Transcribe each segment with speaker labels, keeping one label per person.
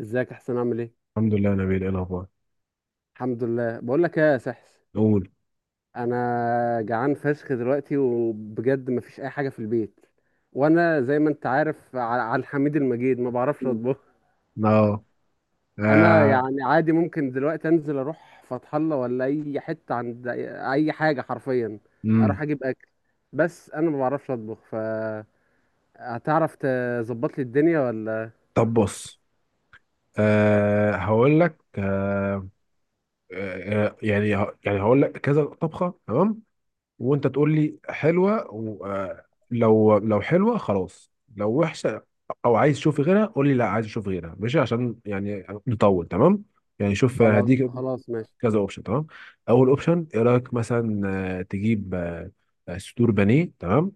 Speaker 1: ازيك؟ احسن؟ عامل ايه؟
Speaker 2: الحمد لله يا نبيل، ايه الاخبار؟
Speaker 1: الحمد لله. بقول لك ايه يا سحس،
Speaker 2: قول.
Speaker 1: انا جعان فشخ دلوقتي وبجد مفيش اي حاجه في البيت. وانا زي ما انت عارف، على الحميد المجيد ما بعرفش
Speaker 2: مم.
Speaker 1: اطبخ.
Speaker 2: اه.
Speaker 1: انا
Speaker 2: آه.
Speaker 1: يعني عادي ممكن دلوقتي انزل اروح فتح الله ولا اي حته عند أي حاجه حرفيا،
Speaker 2: امم.
Speaker 1: اروح اجيب اكل. بس انا ما بعرفش اطبخ، ف هتعرف تظبط لي الدنيا ولا؟
Speaker 2: طب بص. هقول لك يعني. يعني هقول لك كذا طبخه، تمام. وانت تقول لي حلوه، لو حلوه خلاص، لو وحشه او عايز تشوف غيرها قول لي لا، عايز اشوف غيرها، ماشي، عشان يعني نطول. تمام. يعني شوف
Speaker 1: خلاص
Speaker 2: هديك
Speaker 1: خلاص ماشي.
Speaker 2: كذا اوبشن، تمام. اول اوبشن ايه رايك؟ مثلا تجيب صدور بانيه، تمام.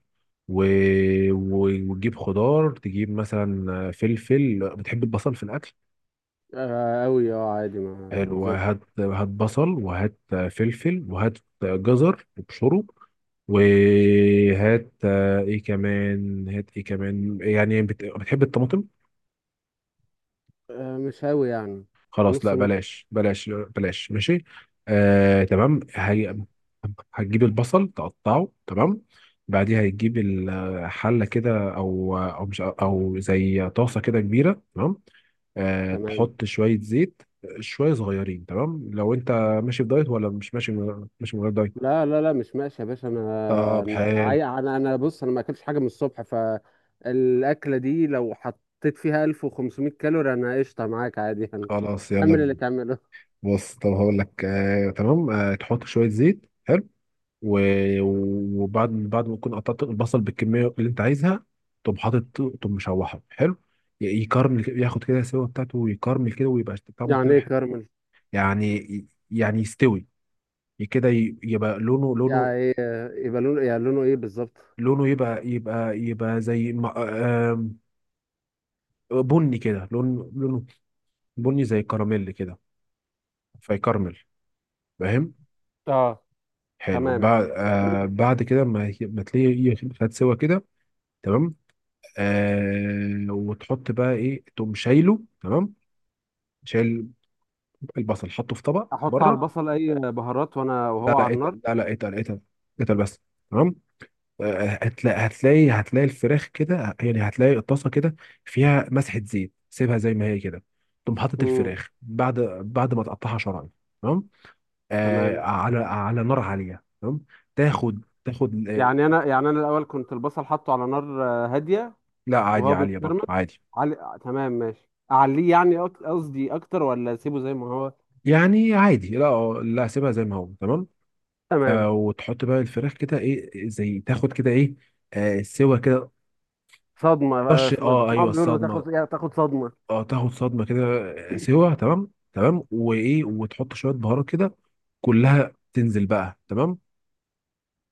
Speaker 2: و... و... وتجيب خضار، تجيب مثلا، فلفل. بتحب البصل في الاكل؟
Speaker 1: آه، أوي، اه عادي، ما
Speaker 2: حلو،
Speaker 1: زي الفل.
Speaker 2: هات هات بصل، وهات، فلفل، وهات، جزر وبشره. وهات، ايه كمان؟ هات ايه كمان، يعني بتحب الطماطم؟
Speaker 1: آه، مش أوي يعني.
Speaker 2: خلاص، لا،
Speaker 1: نص نص.
Speaker 2: بلاش بلاش بلاش، ماشي. تمام. هي هتجيب البصل، تقطعه، تمام. بعديها هتجيب الحلة كده، أو مش، أو زي طاسة كده كبيرة، تمام.
Speaker 1: تمام.
Speaker 2: تحط شوية زيت، شوية صغيرين، تمام. لو أنت ماشي في دايت ولا مش ماشي، ماشي من غير دايت؟
Speaker 1: لا لا لا مش ماشي يا باشا،
Speaker 2: طب
Speaker 1: انا
Speaker 2: حلو،
Speaker 1: عاي- انا انا بص، انا ما اكلتش حاجه من الصبح، فالاكله دي لو حطيت فيها 1500 كالوري انا قشطه معاك عادي يعني.
Speaker 2: خلاص
Speaker 1: كمل
Speaker 2: يلا.
Speaker 1: اللي تعمله
Speaker 2: بص، طب هقول لك تمام. تحط شوية زيت، حلو. و- وبعد ما تكون قطعت البصل بالكميه اللي انت عايزها، تقوم حاطط، تقوم مشوحه، حلو. يكرمل كده، ياخد كده السوا بتاعته ويكرمل كده، ويبقى طعمه
Speaker 1: يعني
Speaker 2: كده
Speaker 1: ايه
Speaker 2: حلو.
Speaker 1: كارمل؟
Speaker 2: يعني يستوي كده، يبقى لونه.
Speaker 1: يبقى لونه، يعني لونه ايه بالظبط؟
Speaker 2: لونه يبقى زي ما- آم، بني كده، لونه بني زي كراميل كده. فيكرمل، فاهم؟
Speaker 1: اه
Speaker 2: حلو.
Speaker 1: تمام.
Speaker 2: بعد كده ما تلاقيه خد سوا كده، تمام. وتحط بقى ايه، تقوم شايله، تمام. شايل البصل، حطه في طبق
Speaker 1: احط على
Speaker 2: بره.
Speaker 1: البصل اي بهارات وانا
Speaker 2: لا
Speaker 1: وهو
Speaker 2: لا،
Speaker 1: على النار؟
Speaker 2: اتقل، لا لا، اتقل اتقل، اتقل بس، تمام. هتلاقي الفراخ كده، يعني هتلاقي الطاسه كده فيها مسحه زيت، سيبها زي ما هي كده. تقوم حاطط
Speaker 1: امم.
Speaker 2: الفراخ بعد ما تقطعها شرايح، تمام.
Speaker 1: تمام.
Speaker 2: على نار عاليه، تمام. تاخد تاخد
Speaker 1: يعني انا، يعني انا الاول كنت البصل حاطه على نار هاديه،
Speaker 2: لا عادي،
Speaker 1: وهو
Speaker 2: عاليه
Speaker 1: بيتكرمل.
Speaker 2: برضو عادي.
Speaker 1: تمام ماشي، اعليه يعني قصدي اكتر ولا اسيبه زي ما هو؟
Speaker 2: يعني عادي، لا، لا، سيبها زي ما هو، تمام.
Speaker 1: تمام.
Speaker 2: وتحط بقى الفراخ كده ايه، زي تاخد كده ايه، سوا كده.
Speaker 1: صدمه
Speaker 2: طش.
Speaker 1: بقى،
Speaker 2: اه، ايوه
Speaker 1: بسمعهم بيقولوا
Speaker 2: الصدمه،
Speaker 1: تاخد تاخد صدمه.
Speaker 2: اه. تاخد صدمه كده، سوا، تمام تمام. وايه، وتحط شويه بهارات كده، كلها تنزل بقى، تمام.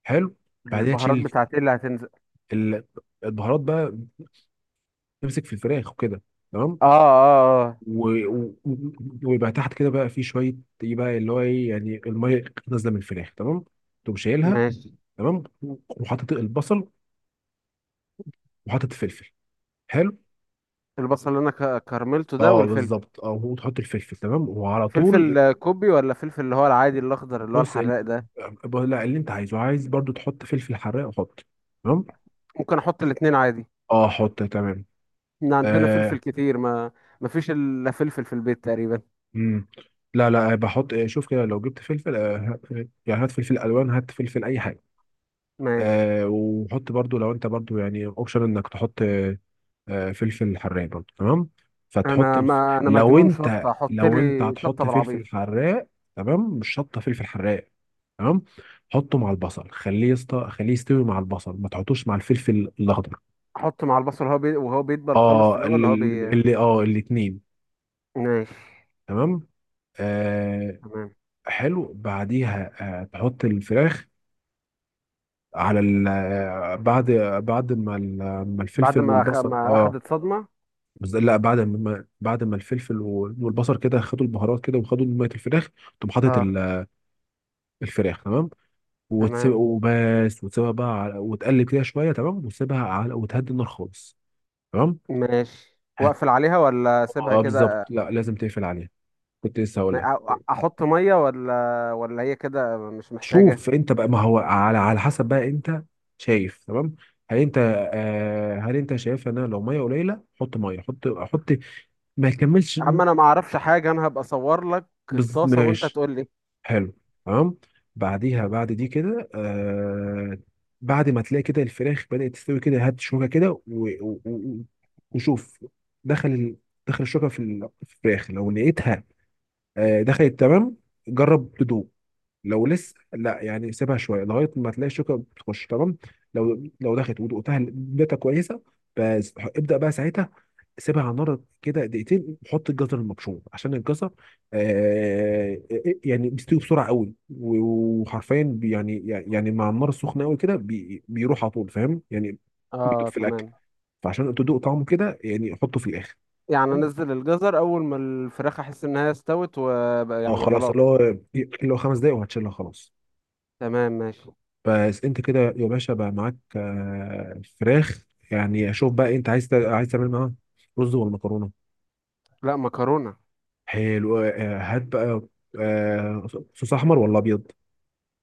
Speaker 2: حلو. بعدها
Speaker 1: البهارات
Speaker 2: تشيل
Speaker 1: بتاعتي اللي هتنزل؟
Speaker 2: ال- البهارات بقى، تمسك في الفراخ وكده، تمام.
Speaker 1: اه اه اه.
Speaker 2: و- و- ويبقى تحت كده بقى في شويه ايه بقى، اللي هو ايه، يعني الميه نازله من الفراخ، تمام. تقوم شايلها،
Speaker 1: ماشي.
Speaker 2: تمام. وحاطط البصل، وحاطط فلفل، حلو.
Speaker 1: البصل اللي انا كرملته ده
Speaker 2: اه
Speaker 1: والفلفل؟
Speaker 2: بالظبط، اه، وتحط الفلفل، تمام، وعلى طول.
Speaker 1: فلفل كوبي ولا فلفل اللي هو العادي الاخضر اللي هو
Speaker 2: بص
Speaker 1: الحراق ده؟
Speaker 2: لا، اللي انت عايزه، عايز برضو تحط فلفل حراق، حط، تمام.
Speaker 1: ممكن احط الاتنين عادي؟
Speaker 2: اه حط، تمام.
Speaker 1: احنا عندنا
Speaker 2: آه.
Speaker 1: فلفل كتير، ما ما فيش الا فلفل في البيت تقريبا.
Speaker 2: مم. لا لا، بحط، شوف كده لو جبت فلفل. يعني هات فلفل الوان، هات فلفل اي حاجه.
Speaker 1: ماشي.
Speaker 2: وحط برضو لو انت برضو يعني اوبشن انك تحط فلفل حراق برضه، تمام. فتحط
Speaker 1: انا ما انا
Speaker 2: لو
Speaker 1: مجنون
Speaker 2: انت
Speaker 1: شطه، احط لي شطه
Speaker 2: هتحط
Speaker 1: بالعبيط.
Speaker 2: فلفل حراق، تمام. مش شطه، فلفل حراق، تمام. حطه مع البصل، خليه خليه يستوي مع البصل، ما تحطوش مع الفلفل الاخضر.
Speaker 1: احط مع البصل وهو بيدبل خالص في
Speaker 2: اه،
Speaker 1: الاول
Speaker 2: اللي,
Speaker 1: هو بي
Speaker 2: اللي اه الاتنين،
Speaker 1: ماشي.
Speaker 2: تمام. آه
Speaker 1: تمام.
Speaker 2: حلو بعديها. تحط الفراخ على، بعد بعد ما ال- ما
Speaker 1: بعد
Speaker 2: الفلفل
Speaker 1: ما
Speaker 2: والبصل،
Speaker 1: ما
Speaker 2: اه.
Speaker 1: اخدت صدمة.
Speaker 2: لا، بعد ما الفلفل والبصل كده خدوا البهارات كده، وخدوا ميه الفراخ، تقوم حاطط
Speaker 1: اه
Speaker 2: الفراخ، تمام. وتسيب
Speaker 1: تمام.
Speaker 2: وبس، وتسيبها بقى على، وتقلب كده شويه، تمام، وتسيبها على، وتهدي النار خالص، تمام.
Speaker 1: ماشي،
Speaker 2: هت
Speaker 1: واقفل عليها ولا اسيبها
Speaker 2: اه بالظبط،
Speaker 1: كده؟
Speaker 2: لا لازم تقفل عليها، كنت لسه هقول لك.
Speaker 1: احط مية ولا هي كده مش محتاجة؟
Speaker 2: شوف انت بقى، ما هو على على حسب بقى انت شايف، تمام. هل انت هل انت شايف ان انا لو ميه قليله حط ميه، حط حط ما يكملش.
Speaker 1: اما انا ما اعرفش حاجة، انا هبقى اصور لك الطاسة وانت
Speaker 2: ماشي.
Speaker 1: تقول لي.
Speaker 2: حلو، تمام. بعديها بعد دي كده، بعد ما تلاقي كده الفراخ بدأت تستوي كده، هات شوكة كده و- و- وشوف دخل دخل الشوكة في في الفراخ، لو لقيتها دخلت، تمام، جرب تدوق. لو لسه لا، يعني سيبها شويه لغايه ما تلاقي الشوكه بتخش، تمام. لو دخلت ودقتها كويسه، بس ابدا بقى ساعتها سيبها على النار كده دقيقتين، وحط الجزر المبشور، عشان الجزر يعني بيستوي بسرعه قوي، يعني مع النار السخنه قوي كده بيروح على طول، فاهم يعني؟ بيدوب
Speaker 1: اه
Speaker 2: في الاكل،
Speaker 1: تمام.
Speaker 2: فعشان تدوق طعمه كده يعني حطه في الاخر.
Speaker 1: يعني انزل الجزر اول ما الفراخ احس انها استوت وبقى
Speaker 2: اه
Speaker 1: يعني
Speaker 2: خلاص،
Speaker 1: خلاص؟
Speaker 2: اللي هو 5 دقايق وهتشيلها، خلاص.
Speaker 1: تمام ماشي.
Speaker 2: بس انت كده يا باشا بقى معاك فراخ، يعني شوف بقى انت عايز عايز تعمل معاها رز ولا مكرونه؟
Speaker 1: لا، مكرونة.
Speaker 2: حلو، هات بقى آه، صوص احمر ولا ابيض؟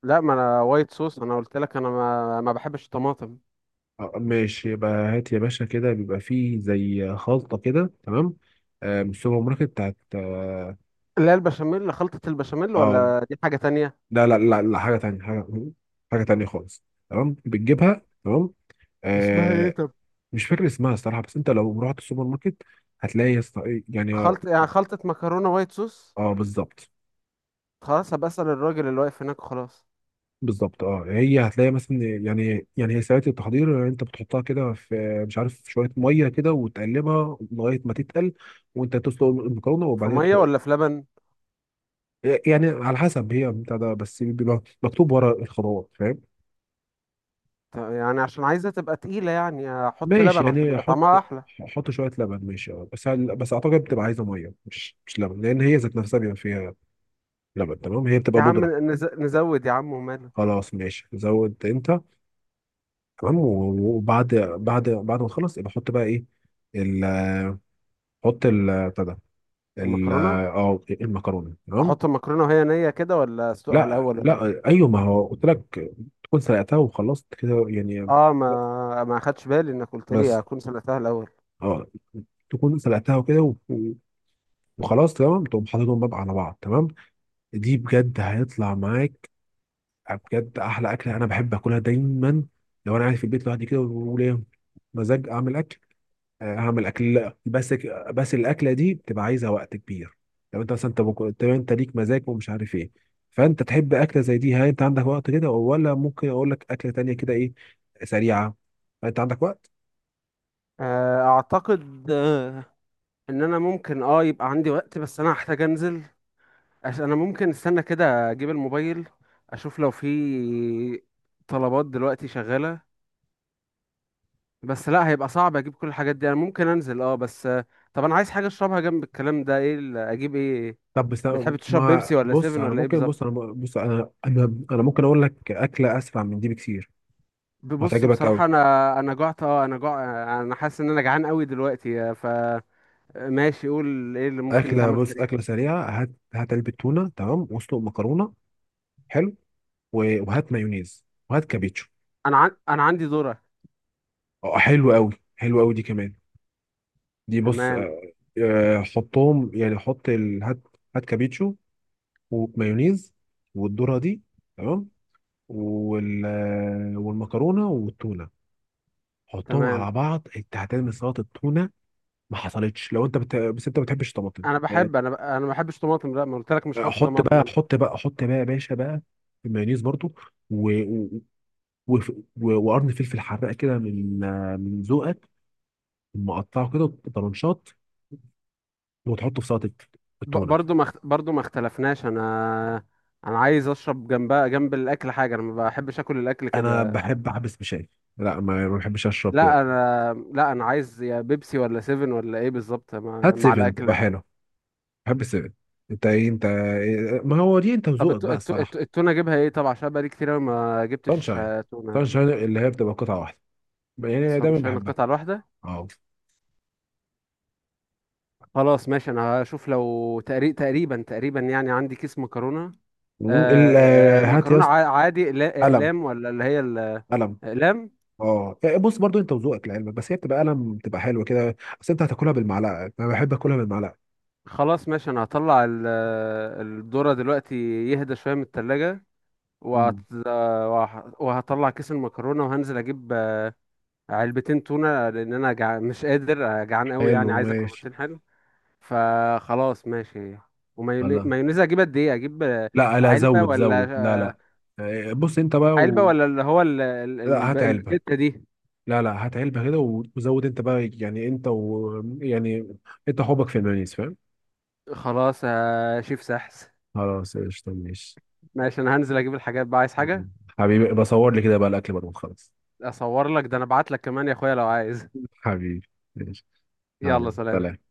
Speaker 1: لا ما انا وايت صوص، انا قلت لك انا ما بحبش الطماطم.
Speaker 2: ماشي، يبقى هات يا باشا كده بيبقى فيه زي خلطه كده، تمام، من السوبر ماركت بتاعت اه
Speaker 1: اللي هي البشاميل، خلطة البشاميل
Speaker 2: آه،
Speaker 1: ولا دي حاجة تانية؟
Speaker 2: لا لا لا لا، حاجه تانية، حاجه حاجه تانية خالص، تمام، بتجيبها، تمام.
Speaker 1: اسمها ايه
Speaker 2: آه،
Speaker 1: طب؟
Speaker 2: مش فاكر اسمها الصراحه، بس انت لو رحت السوبر ماركت هتلاقي يا اسطى، يعني
Speaker 1: خلط يعني خلطة مكرونة وايت صوص.
Speaker 2: اه بالظبط.
Speaker 1: خلاص هبقى أسأل الراجل اللي واقف هناك، خلاص.
Speaker 2: بالظبط اه، هي هتلاقي مثلا يعني هي ساعات التحضير انت بتحطها كده في، مش عارف، شويه ميه كده وتقلبها لغايه ما تتقل، وانت تسلق المكرونه،
Speaker 1: في
Speaker 2: وبعدين
Speaker 1: مية ولا في لبن؟
Speaker 2: يعني على حسب، هي بتاع ده، بس بيبقى مكتوب ورا الخطوات، فاهم؟
Speaker 1: يعني عشان عايزة تبقى تقيلة يعني أحط
Speaker 2: ماشي
Speaker 1: لبن عشان
Speaker 2: يعني
Speaker 1: يبقى
Speaker 2: احط،
Speaker 1: طعمها أحلى؟
Speaker 2: احط شويه لبن، ماشي، اه، بس بس اعتقد بتبقى عايزه ميه مش مش لبن، لان هي ذات نفسها بيبقى فيها لبن، تمام، هي بتبقى
Speaker 1: يا عم
Speaker 2: بودره.
Speaker 1: نزود يا عم وماله.
Speaker 2: خلاص ماشي، زود انت. تمام، وبعد بعد بعد ما تخلص يبقى حط بقى ايه، حط ال بتاع ده، ال
Speaker 1: المكرونة.
Speaker 2: اه المكرونه، تمام.
Speaker 1: أحط المكرونة وهي نية كده ولا أسلقها
Speaker 2: لا
Speaker 1: الأول ولا؟
Speaker 2: لا، ايوه، ما هو قلت لك تكون سلقتها وخلصت كده يعني،
Speaker 1: آه، ما أخدش بالي إنك قلت
Speaker 2: بس
Speaker 1: لي أكون سلقتها الأول.
Speaker 2: اه تكون سلقتها وكده، وخلاص، تمام، تقوم حاططهم بقى على بعض، تمام. دي بجد هيطلع معاك بجد احلى اكله، انا بحب اكلها دايما. لو انا قاعد في البيت لوحدي كده وليا مزاج اعمل اكل، هعمل اكل، لا، بس بس الاكله دي بتبقى عايزه وقت كبير. لو انت مثلا انت طب انت ليك مزاج، ومش عارف ايه، فانت تحب اكله زي دي، هل انت عندك وقت كده ولا ممكن اقول لك اكله تانية كده ايه، سريعه؟ انت عندك وقت؟
Speaker 1: آه أعتقد، إن أنا ممكن يبقى عندي وقت، بس أنا هحتاج أنزل عشان انا ممكن استنى كده اجيب الموبايل، اشوف لو في طلبات دلوقتي شغالة. بس لا، هيبقى صعب اجيب كل الحاجات دي. انا ممكن انزل اه بس طب انا عايز حاجة اشربها جنب الكلام ده، ايه اجيب ايه؟
Speaker 2: طب بس،
Speaker 1: بتحب تشرب بيبسي
Speaker 2: ما
Speaker 1: ولا
Speaker 2: بص
Speaker 1: سيفن
Speaker 2: انا
Speaker 1: ولا ايه
Speaker 2: ممكن، بص
Speaker 1: بالظبط؟
Speaker 2: انا بص انا ممكن اقول لك اكله اسرع من دي بكتير،
Speaker 1: ببص
Speaker 2: وهتعجبك قوي.
Speaker 1: بصراحة، انا جعت، انا جع. انا حاسس ان انا جعان قوي دلوقتي، ف ماشي، قول ايه اللي ممكن
Speaker 2: اكله،
Speaker 1: يتعمل
Speaker 2: بص،
Speaker 1: سريع.
Speaker 2: اكله سريعه، هات هات علبه تونه، تمام، واسلق مكرونه، حلو، وهات مايونيز، وهات كابيتشو.
Speaker 1: انا عندي ذرة.
Speaker 2: اه حلو قوي، حلو قوي دي كمان. دي بص،
Speaker 1: تمام.
Speaker 2: حطهم، يعني حط هات هات كابيتشو ومايونيز والذرة دي، تمام، وال والمكرونة والتونة، حطهم
Speaker 1: تمام.
Speaker 2: على بعض، انت هتعمل سلطة التونة. ما حصلتش لو انت بس انت ما بتحبش طماطم
Speaker 1: انا
Speaker 2: يعني.
Speaker 1: بحب، انا ما بحبش طماطم، لا ما قلت لك مش هحط
Speaker 2: حط
Speaker 1: طماطم.
Speaker 2: بقى حط بقى حط بقى يا باشا بقى المايونيز برضو و... و... و... وقرن فلفل حراق كده من من ذوقك، مقطعه كده طرنشات، وتحطه في سلطة التونة.
Speaker 1: برضو ما اخت- برضو ما اختلفناش. انا، انا عايز اشرب جنبها جنب الاكل حاجه، انا ما بحبش اكل الاكل
Speaker 2: انا
Speaker 1: كده.
Speaker 2: بحب احبس بشاي، لا ما ما بحبش اشرب كده.
Speaker 1: لا انا، لا انا عايز يا بيبسي ولا سيفن ولا ايه بالظبط مع
Speaker 2: هات
Speaker 1: مع
Speaker 2: سيفن تبقى
Speaker 1: الاكله.
Speaker 2: حلو، بحب السيفن. انت ايه، انت إيه؟ ما هو دي انت
Speaker 1: طب
Speaker 2: وذوقك بقى الصراحه.
Speaker 1: التونه اجيبها ايه طب؟ عشان بقالي كتير أوي ما جبتش
Speaker 2: سانشاين،
Speaker 1: تونه.
Speaker 2: سانشاين اللي هي بتبقى قطعه واحده، يعني أنا
Speaker 1: اصلا
Speaker 2: دايما
Speaker 1: مش هنا
Speaker 2: بحبها.
Speaker 1: القطعه الواحده.
Speaker 2: اه.
Speaker 1: خلاص ماشي. انا هشوف لو تقريبا يعني عندي كيس مكرونه.
Speaker 2: مم، هات يا
Speaker 1: المكرونه،
Speaker 2: اسطى
Speaker 1: عادي،
Speaker 2: قلم
Speaker 1: اقلام ولا اللي هي؟
Speaker 2: قلم.
Speaker 1: الاقلام.
Speaker 2: اه إيه، بص برضو انت وذوقك لعلمك، بس هي بتبقى قلم، بتبقى حلوه كده، بس انت هتاكلها بالمعلقه، انا بحب اكلها بالمعلقه.
Speaker 1: خلاص ماشي، انا هطلع الذرة دلوقتي يهدى شوية من التلاجة،
Speaker 2: مم.
Speaker 1: وهطلع كيس المكرونة، وهنزل اجيب علبتين تونة لان انا مش قادر، جعان قوي،
Speaker 2: حلو
Speaker 1: يعني عايز اكل
Speaker 2: ماشي.
Speaker 1: بروتين حلو. فخلاص ماشي. ومايونيز،
Speaker 2: الله،
Speaker 1: مايونيز اجيب قد ايه اجيب؟
Speaker 2: لا لا،
Speaker 1: علبة
Speaker 2: زود زود، لا
Speaker 1: ولا
Speaker 2: لا. إيه، بص انت بقى
Speaker 1: علبة ولا اللي هو
Speaker 2: لا هات علبه،
Speaker 1: الباكيتة دي؟
Speaker 2: لا لا هات علبة كده، وزود انت بقى، يعني انت و يعني انت حبك في المايونيز، فاهم؟
Speaker 1: خلاص يا شيف سحس.
Speaker 2: خلاص قشطة ماشي.
Speaker 1: ماشي انا هنزل اجيب الحاجات. بقى عايز حاجة؟
Speaker 2: حبيبي بصور لي كده بقى الاكل بقى، خلاص.
Speaker 1: اصور لك ده؟ انا ابعت لك كمان يا اخويا لو عايز.
Speaker 2: حبيبي، ماشي، يلا
Speaker 1: يلا سلام.
Speaker 2: سلام.